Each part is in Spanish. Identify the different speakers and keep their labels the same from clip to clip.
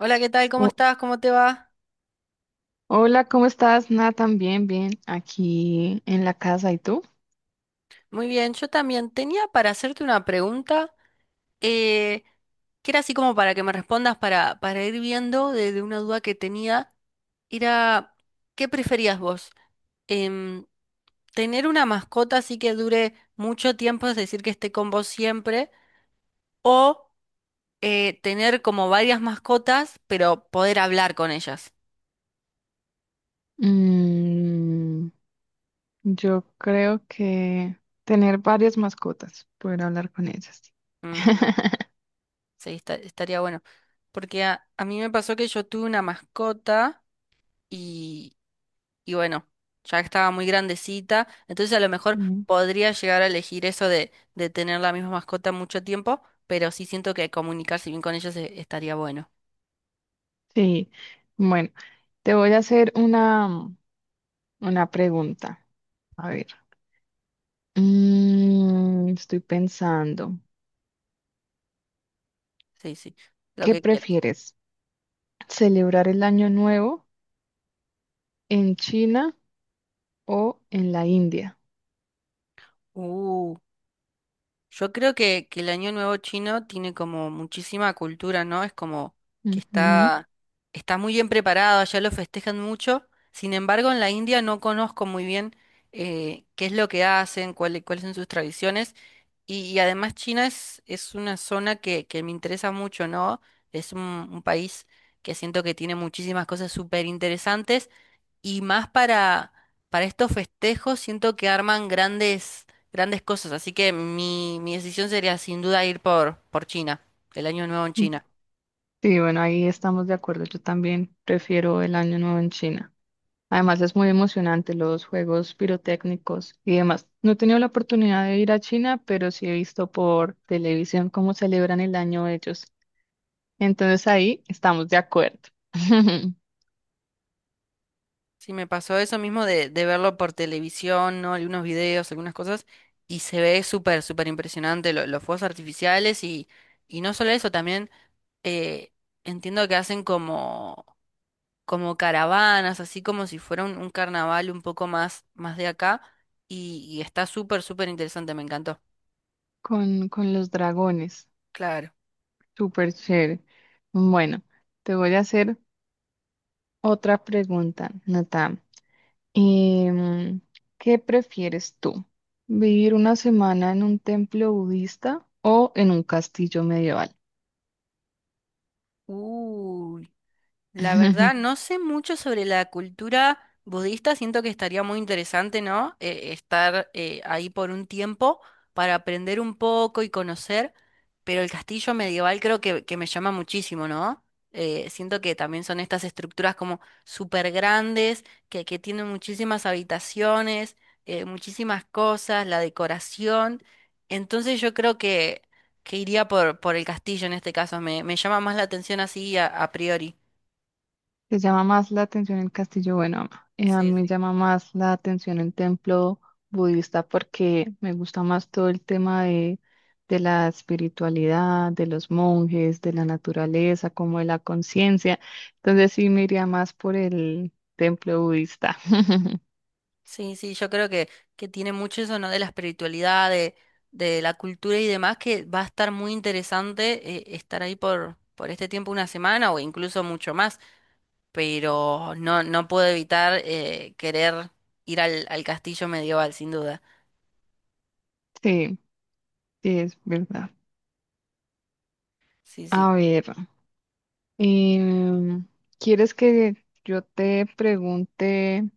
Speaker 1: Hola, ¿qué tal? ¿Cómo
Speaker 2: Ho-
Speaker 1: estás? ¿Cómo te va?
Speaker 2: hola, ¿cómo estás? Nada, también bien, bien, aquí en la casa. ¿Y tú?
Speaker 1: Muy bien, yo también tenía para hacerte una pregunta eh, que era así como para que me respondas para ir viendo de una duda que tenía. Era, ¿qué preferías vos? Em, ¿Tener una mascota así que dure mucho tiempo, es decir, que esté con vos siempre? ¿O tener como varias mascotas, pero poder hablar con ellas?
Speaker 2: Mm, yo creo que tener varias mascotas, poder hablar con ellas.
Speaker 1: Ujú. Sí, estaría bueno. Porque a mí me pasó que yo tuve una mascota. y, y bueno, ya estaba muy grandecita, entonces a lo mejor
Speaker 2: Mm.
Speaker 1: podría llegar a elegir eso de tener la misma mascota mucho tiempo, pero sí siento que comunicarse bien con ellos estaría bueno.
Speaker 2: Sí, bueno, te voy a hacer una pregunta. A ver, estoy pensando,
Speaker 1: Sí, sí, lo
Speaker 2: ¿qué
Speaker 1: que quieras.
Speaker 2: prefieres? ¿Celebrar el año nuevo en China o en la India?
Speaker 1: Uh. Yo creo que el Año Nuevo chino tiene como muchísima cultura, ¿no? Es como que
Speaker 2: Ujú.
Speaker 1: está muy bien preparado, allá lo festejan mucho. Sin embargo, en la India no conozco muy bien qué es lo que hacen, cuáles son sus tradiciones. Y además China es una zona que me interesa mucho, ¿no? Es un país que siento que tiene muchísimas cosas súper interesantes y más para estos festejos siento que arman grandes cosas, así que mi decisión sería sin duda ir por China, el año nuevo en China.
Speaker 2: Sí, bueno, ahí estamos de acuerdo. Yo también prefiero el Año Nuevo en China. Además, es muy emocionante los juegos pirotécnicos y demás. No he tenido la oportunidad de ir a China, pero sí he visto por televisión cómo celebran el año ellos. Entonces ahí estamos de acuerdo.
Speaker 1: Sí, me pasó eso mismo de verlo por televisión, ¿no? Algunos videos, algunas cosas, y se ve súper impresionante los fuegos artificiales y no solo eso, también eh, entiendo que hacen como como caravanas, así como si fuera un carnaval un poco más de acá. Y está súper interesante, me encantó.
Speaker 2: Con los dragones.
Speaker 1: Claro.
Speaker 2: Súper chévere. Bueno, te voy a hacer otra pregunta, Nata. Em, ¿Qué prefieres tú? ¿Vivir una semana en un templo budista o en un castillo medieval?
Speaker 1: Uy. La verdad, no sé mucho sobre la cultura budista, siento que estaría muy interesante, ¿no? Estar ahí por un tiempo para aprender un poco y conocer, pero el castillo medieval creo que me llama muchísimo, ¿no? Siento que también son estas estructuras como súper grandes, que tienen muchísimas habitaciones, muchísimas cosas, la decoración. Entonces yo creo que iría por el castillo en este caso, me llama más la atención así a priori.
Speaker 2: Te llama más la atención el castillo, bueno, ama. A
Speaker 1: Sí,
Speaker 2: mí me
Speaker 1: sí.
Speaker 2: llama más la atención el templo budista porque me gusta más todo el tema de la espiritualidad, de los monjes, de la naturaleza, como de la conciencia. Entonces sí me iría más por el templo budista.
Speaker 1: Sí, sí, yo creo que tiene mucho eso, ¿no? De la espiritualidad, de la cultura y demás, que va a estar muy interesante estar ahí por este tiempo, una semana o incluso mucho más, pero no, no puedo evitar querer ir al castillo medieval, sin duda.
Speaker 2: Sí, sí, es verdad.
Speaker 1: Sí, sí.
Speaker 2: A ver. Em, ¿Quieres que yo te pregunte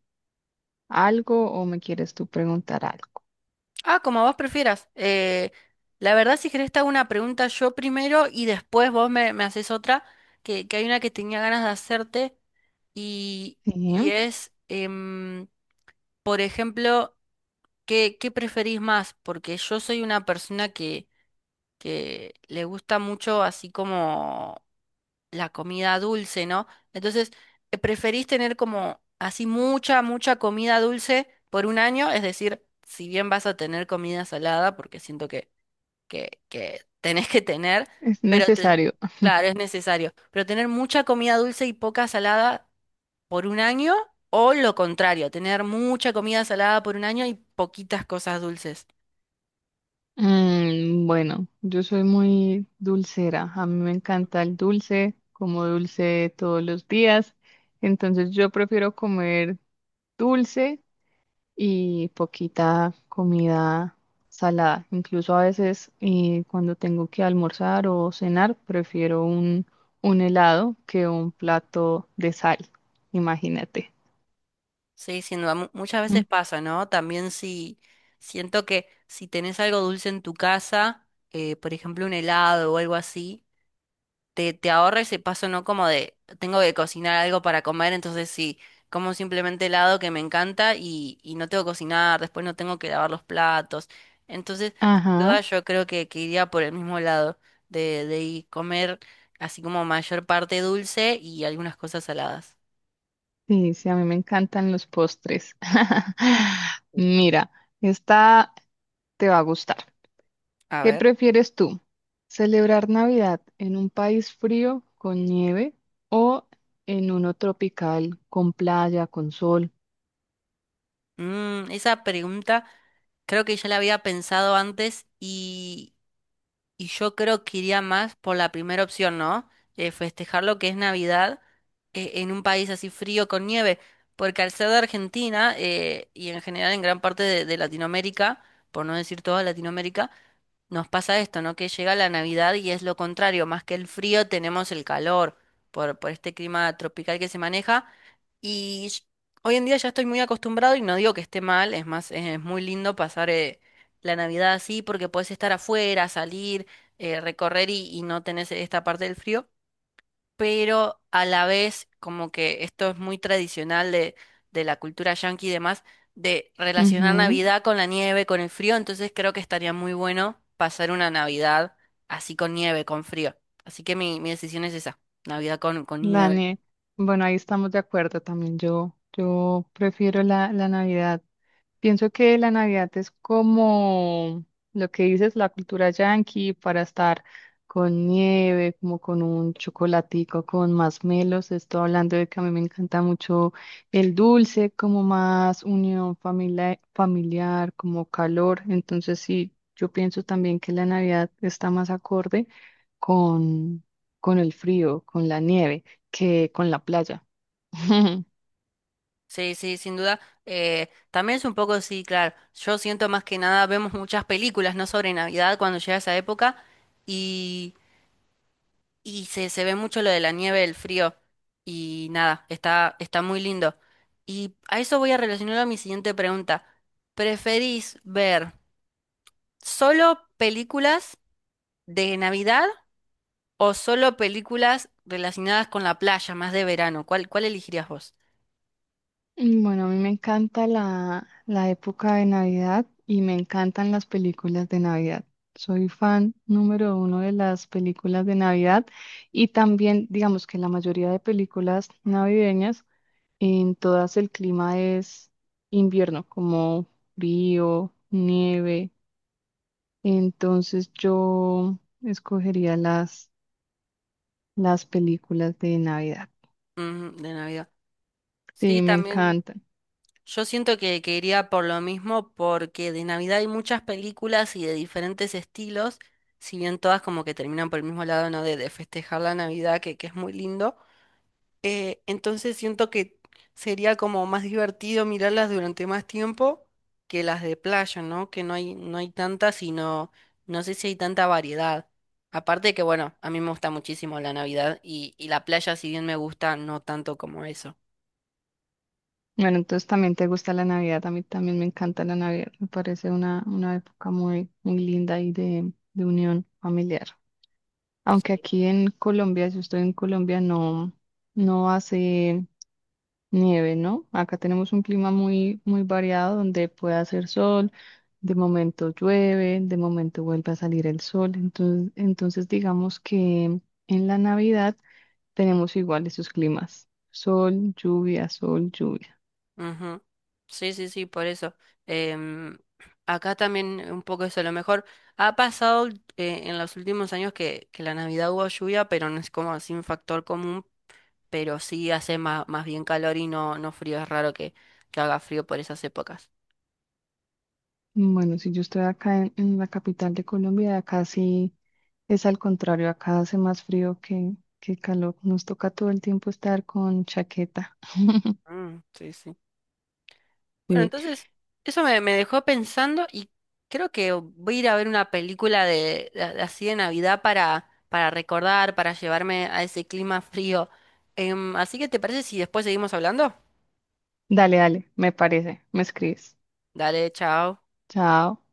Speaker 2: algo o me quieres tú preguntar algo?
Speaker 1: Ah, como vos prefieras. La verdad, si querés te hago una pregunta yo primero y después vos me haces otra, que hay una que tenía ganas de hacerte y, y
Speaker 2: Sí,
Speaker 1: es... Por ejemplo, ¿ qué preferís más? Porque yo soy una persona que le gusta mucho así como la comida dulce, ¿no? Entonces, ¿preferís tener como así mucha comida dulce por un año? Es decir, si bien vas a tener comida salada, porque siento que tenés que tener,
Speaker 2: es
Speaker 1: pero
Speaker 2: necesario.
Speaker 1: claro, es necesario, pero tener mucha comida dulce y poca salada por un año o lo contrario, tener mucha comida salada por un año y poquitas cosas dulces.
Speaker 2: Bueno, yo soy muy dulcera. A mí me encanta el dulce, como dulce todos los días. Entonces yo prefiero comer dulce y poquita comida salada. Incluso a veces cuando tengo que almorzar o cenar, prefiero un helado que un plato de sal, imagínate.
Speaker 1: Sí, sin duda, muchas veces
Speaker 2: Mm.
Speaker 1: pasa, ¿no? También si siento que si tenés algo dulce en tu casa, por ejemplo un helado o algo así, te ahorra ese paso, ¿no? Como de, tengo que cocinar algo para comer, entonces sí, como simplemente helado que me encanta y no tengo que cocinar, después no tengo que lavar los platos. Entonces, sin
Speaker 2: Ajá,
Speaker 1: duda yo creo que iría por el mismo lado de ir comer así como mayor parte dulce y algunas cosas saladas.
Speaker 2: sí, sí, a mí me encantan los postres.
Speaker 1: Sí.
Speaker 2: Mira, esta te va a gustar.
Speaker 1: A
Speaker 2: ¿Qué
Speaker 1: ver.
Speaker 2: prefieres tú? ¿Celebrar Navidad en un país frío con nieve o en uno tropical con playa, con sol?
Speaker 1: Mm, esa pregunta creo que ya la había pensado antes y Y yo creo que iría más por la primera opción, ¿no? De festejar lo que es Navidad en un país así frío con nieve, porque al ser de Argentina y en general en gran parte de Latinoamérica, por no decir toda Latinoamérica, nos pasa esto, ¿no? Que llega la Navidad y es lo contrario, más que el frío tenemos el calor por este clima tropical que se maneja. Y sh- Hoy en día ya estoy muy acostumbrado y no digo que esté mal, es más, es muy lindo pasar la Navidad así porque podés estar afuera, salir, recorrer y no tenés esta parte del frío, pero a la vez, como que esto es muy tradicional de la cultura yankee y demás, de relacionar
Speaker 2: Ujú.
Speaker 1: Navidad con la nieve, con el frío, entonces creo que estaría muy bueno pasar una Navidad así con nieve, con frío. Así que mi decisión es esa, Navidad con nieve.
Speaker 2: Dani, bueno, ahí estamos de acuerdo también. Yo prefiero la Navidad. Pienso que la Navidad es como lo que dices, la cultura yanqui para estar con nieve, como con un chocolatico, con más melos. Estoy hablando de que a mí me encanta mucho el dulce, como más unión familiar, como calor. Entonces, sí, yo pienso también que la Navidad está más acorde con, con, el frío, con la nieve que con la playa.
Speaker 1: Sí, sí, sin duda. También es un poco, sí, claro, yo siento más que nada, vemos muchas películas, ¿no? Sobre Navidad cuando llega esa época. Y se ve mucho lo de la nieve, el frío. Y nada, está muy lindo. Y a eso voy a relacionarlo a mi siguiente pregunta. ¿Preferís ver solo películas de Navidad o solo películas relacionadas con la playa, más de verano? ¿ cuál elegirías vos?
Speaker 2: Bueno, a mí me encanta la época de Navidad y me encantan las películas de Navidad. Soy fan número uno de las películas de Navidad y también, digamos que la mayoría de películas navideñas, en todas el clima es invierno, como frío, nieve. Entonces yo escogería las películas de Navidad.
Speaker 1: Mm, de Navidad. Sí,
Speaker 2: Sí, me
Speaker 1: también.
Speaker 2: encantan.
Speaker 1: Yo siento que iría por lo mismo porque de Navidad hay muchas películas y de diferentes estilos, si bien todas como que terminan por el mismo lado, ¿no? De festejar la Navidad, que es muy lindo. Entonces siento que sería como más divertido mirarlas durante más tiempo que las de playa, ¿no? Que no hay, no hay tantas y no, no sé si hay tanta variedad. Aparte que, bueno, a mí me gusta muchísimo la Navidad y la playa, si bien me gusta, no tanto como eso.
Speaker 2: Bueno, entonces también te gusta la Navidad, a mí también me encanta la Navidad, me parece una época muy, muy linda y de, unión familiar. Aunque aquí en Colombia, si yo estoy en Colombia, no, no hace nieve, ¿no? Acá tenemos un clima muy, muy variado donde puede hacer sol, de momento llueve, de momento vuelve a salir el sol. Entonces, entonces digamos que en la Navidad tenemos igual esos climas, sol, lluvia, sol, lluvia.
Speaker 1: Ujú. Sí, sí, sí, por eso. Em, acá también un poco eso, a lo mejor ha pasado en los últimos años que la Navidad hubo lluvia, pero no es como así un factor común, pero sí hace más, más bien calor y no, no frío, es raro que haga frío por esas épocas.
Speaker 2: Bueno, si yo estoy acá en, la capital de Colombia, acá sí es al contrario, acá hace más frío que calor. Nos toca todo el tiempo estar con chaqueta.
Speaker 1: Mm, sí, sí. Bueno,
Speaker 2: Sí.
Speaker 1: entonces eso me dejó pensando y creo que voy a ir a ver una película de así de Navidad para recordar, para llevarme a ese clima frío. Em, así que ¿te parece si después seguimos hablando?
Speaker 2: Dale, dale, me parece. Me escribes.
Speaker 1: Dale, chao.
Speaker 2: Chao.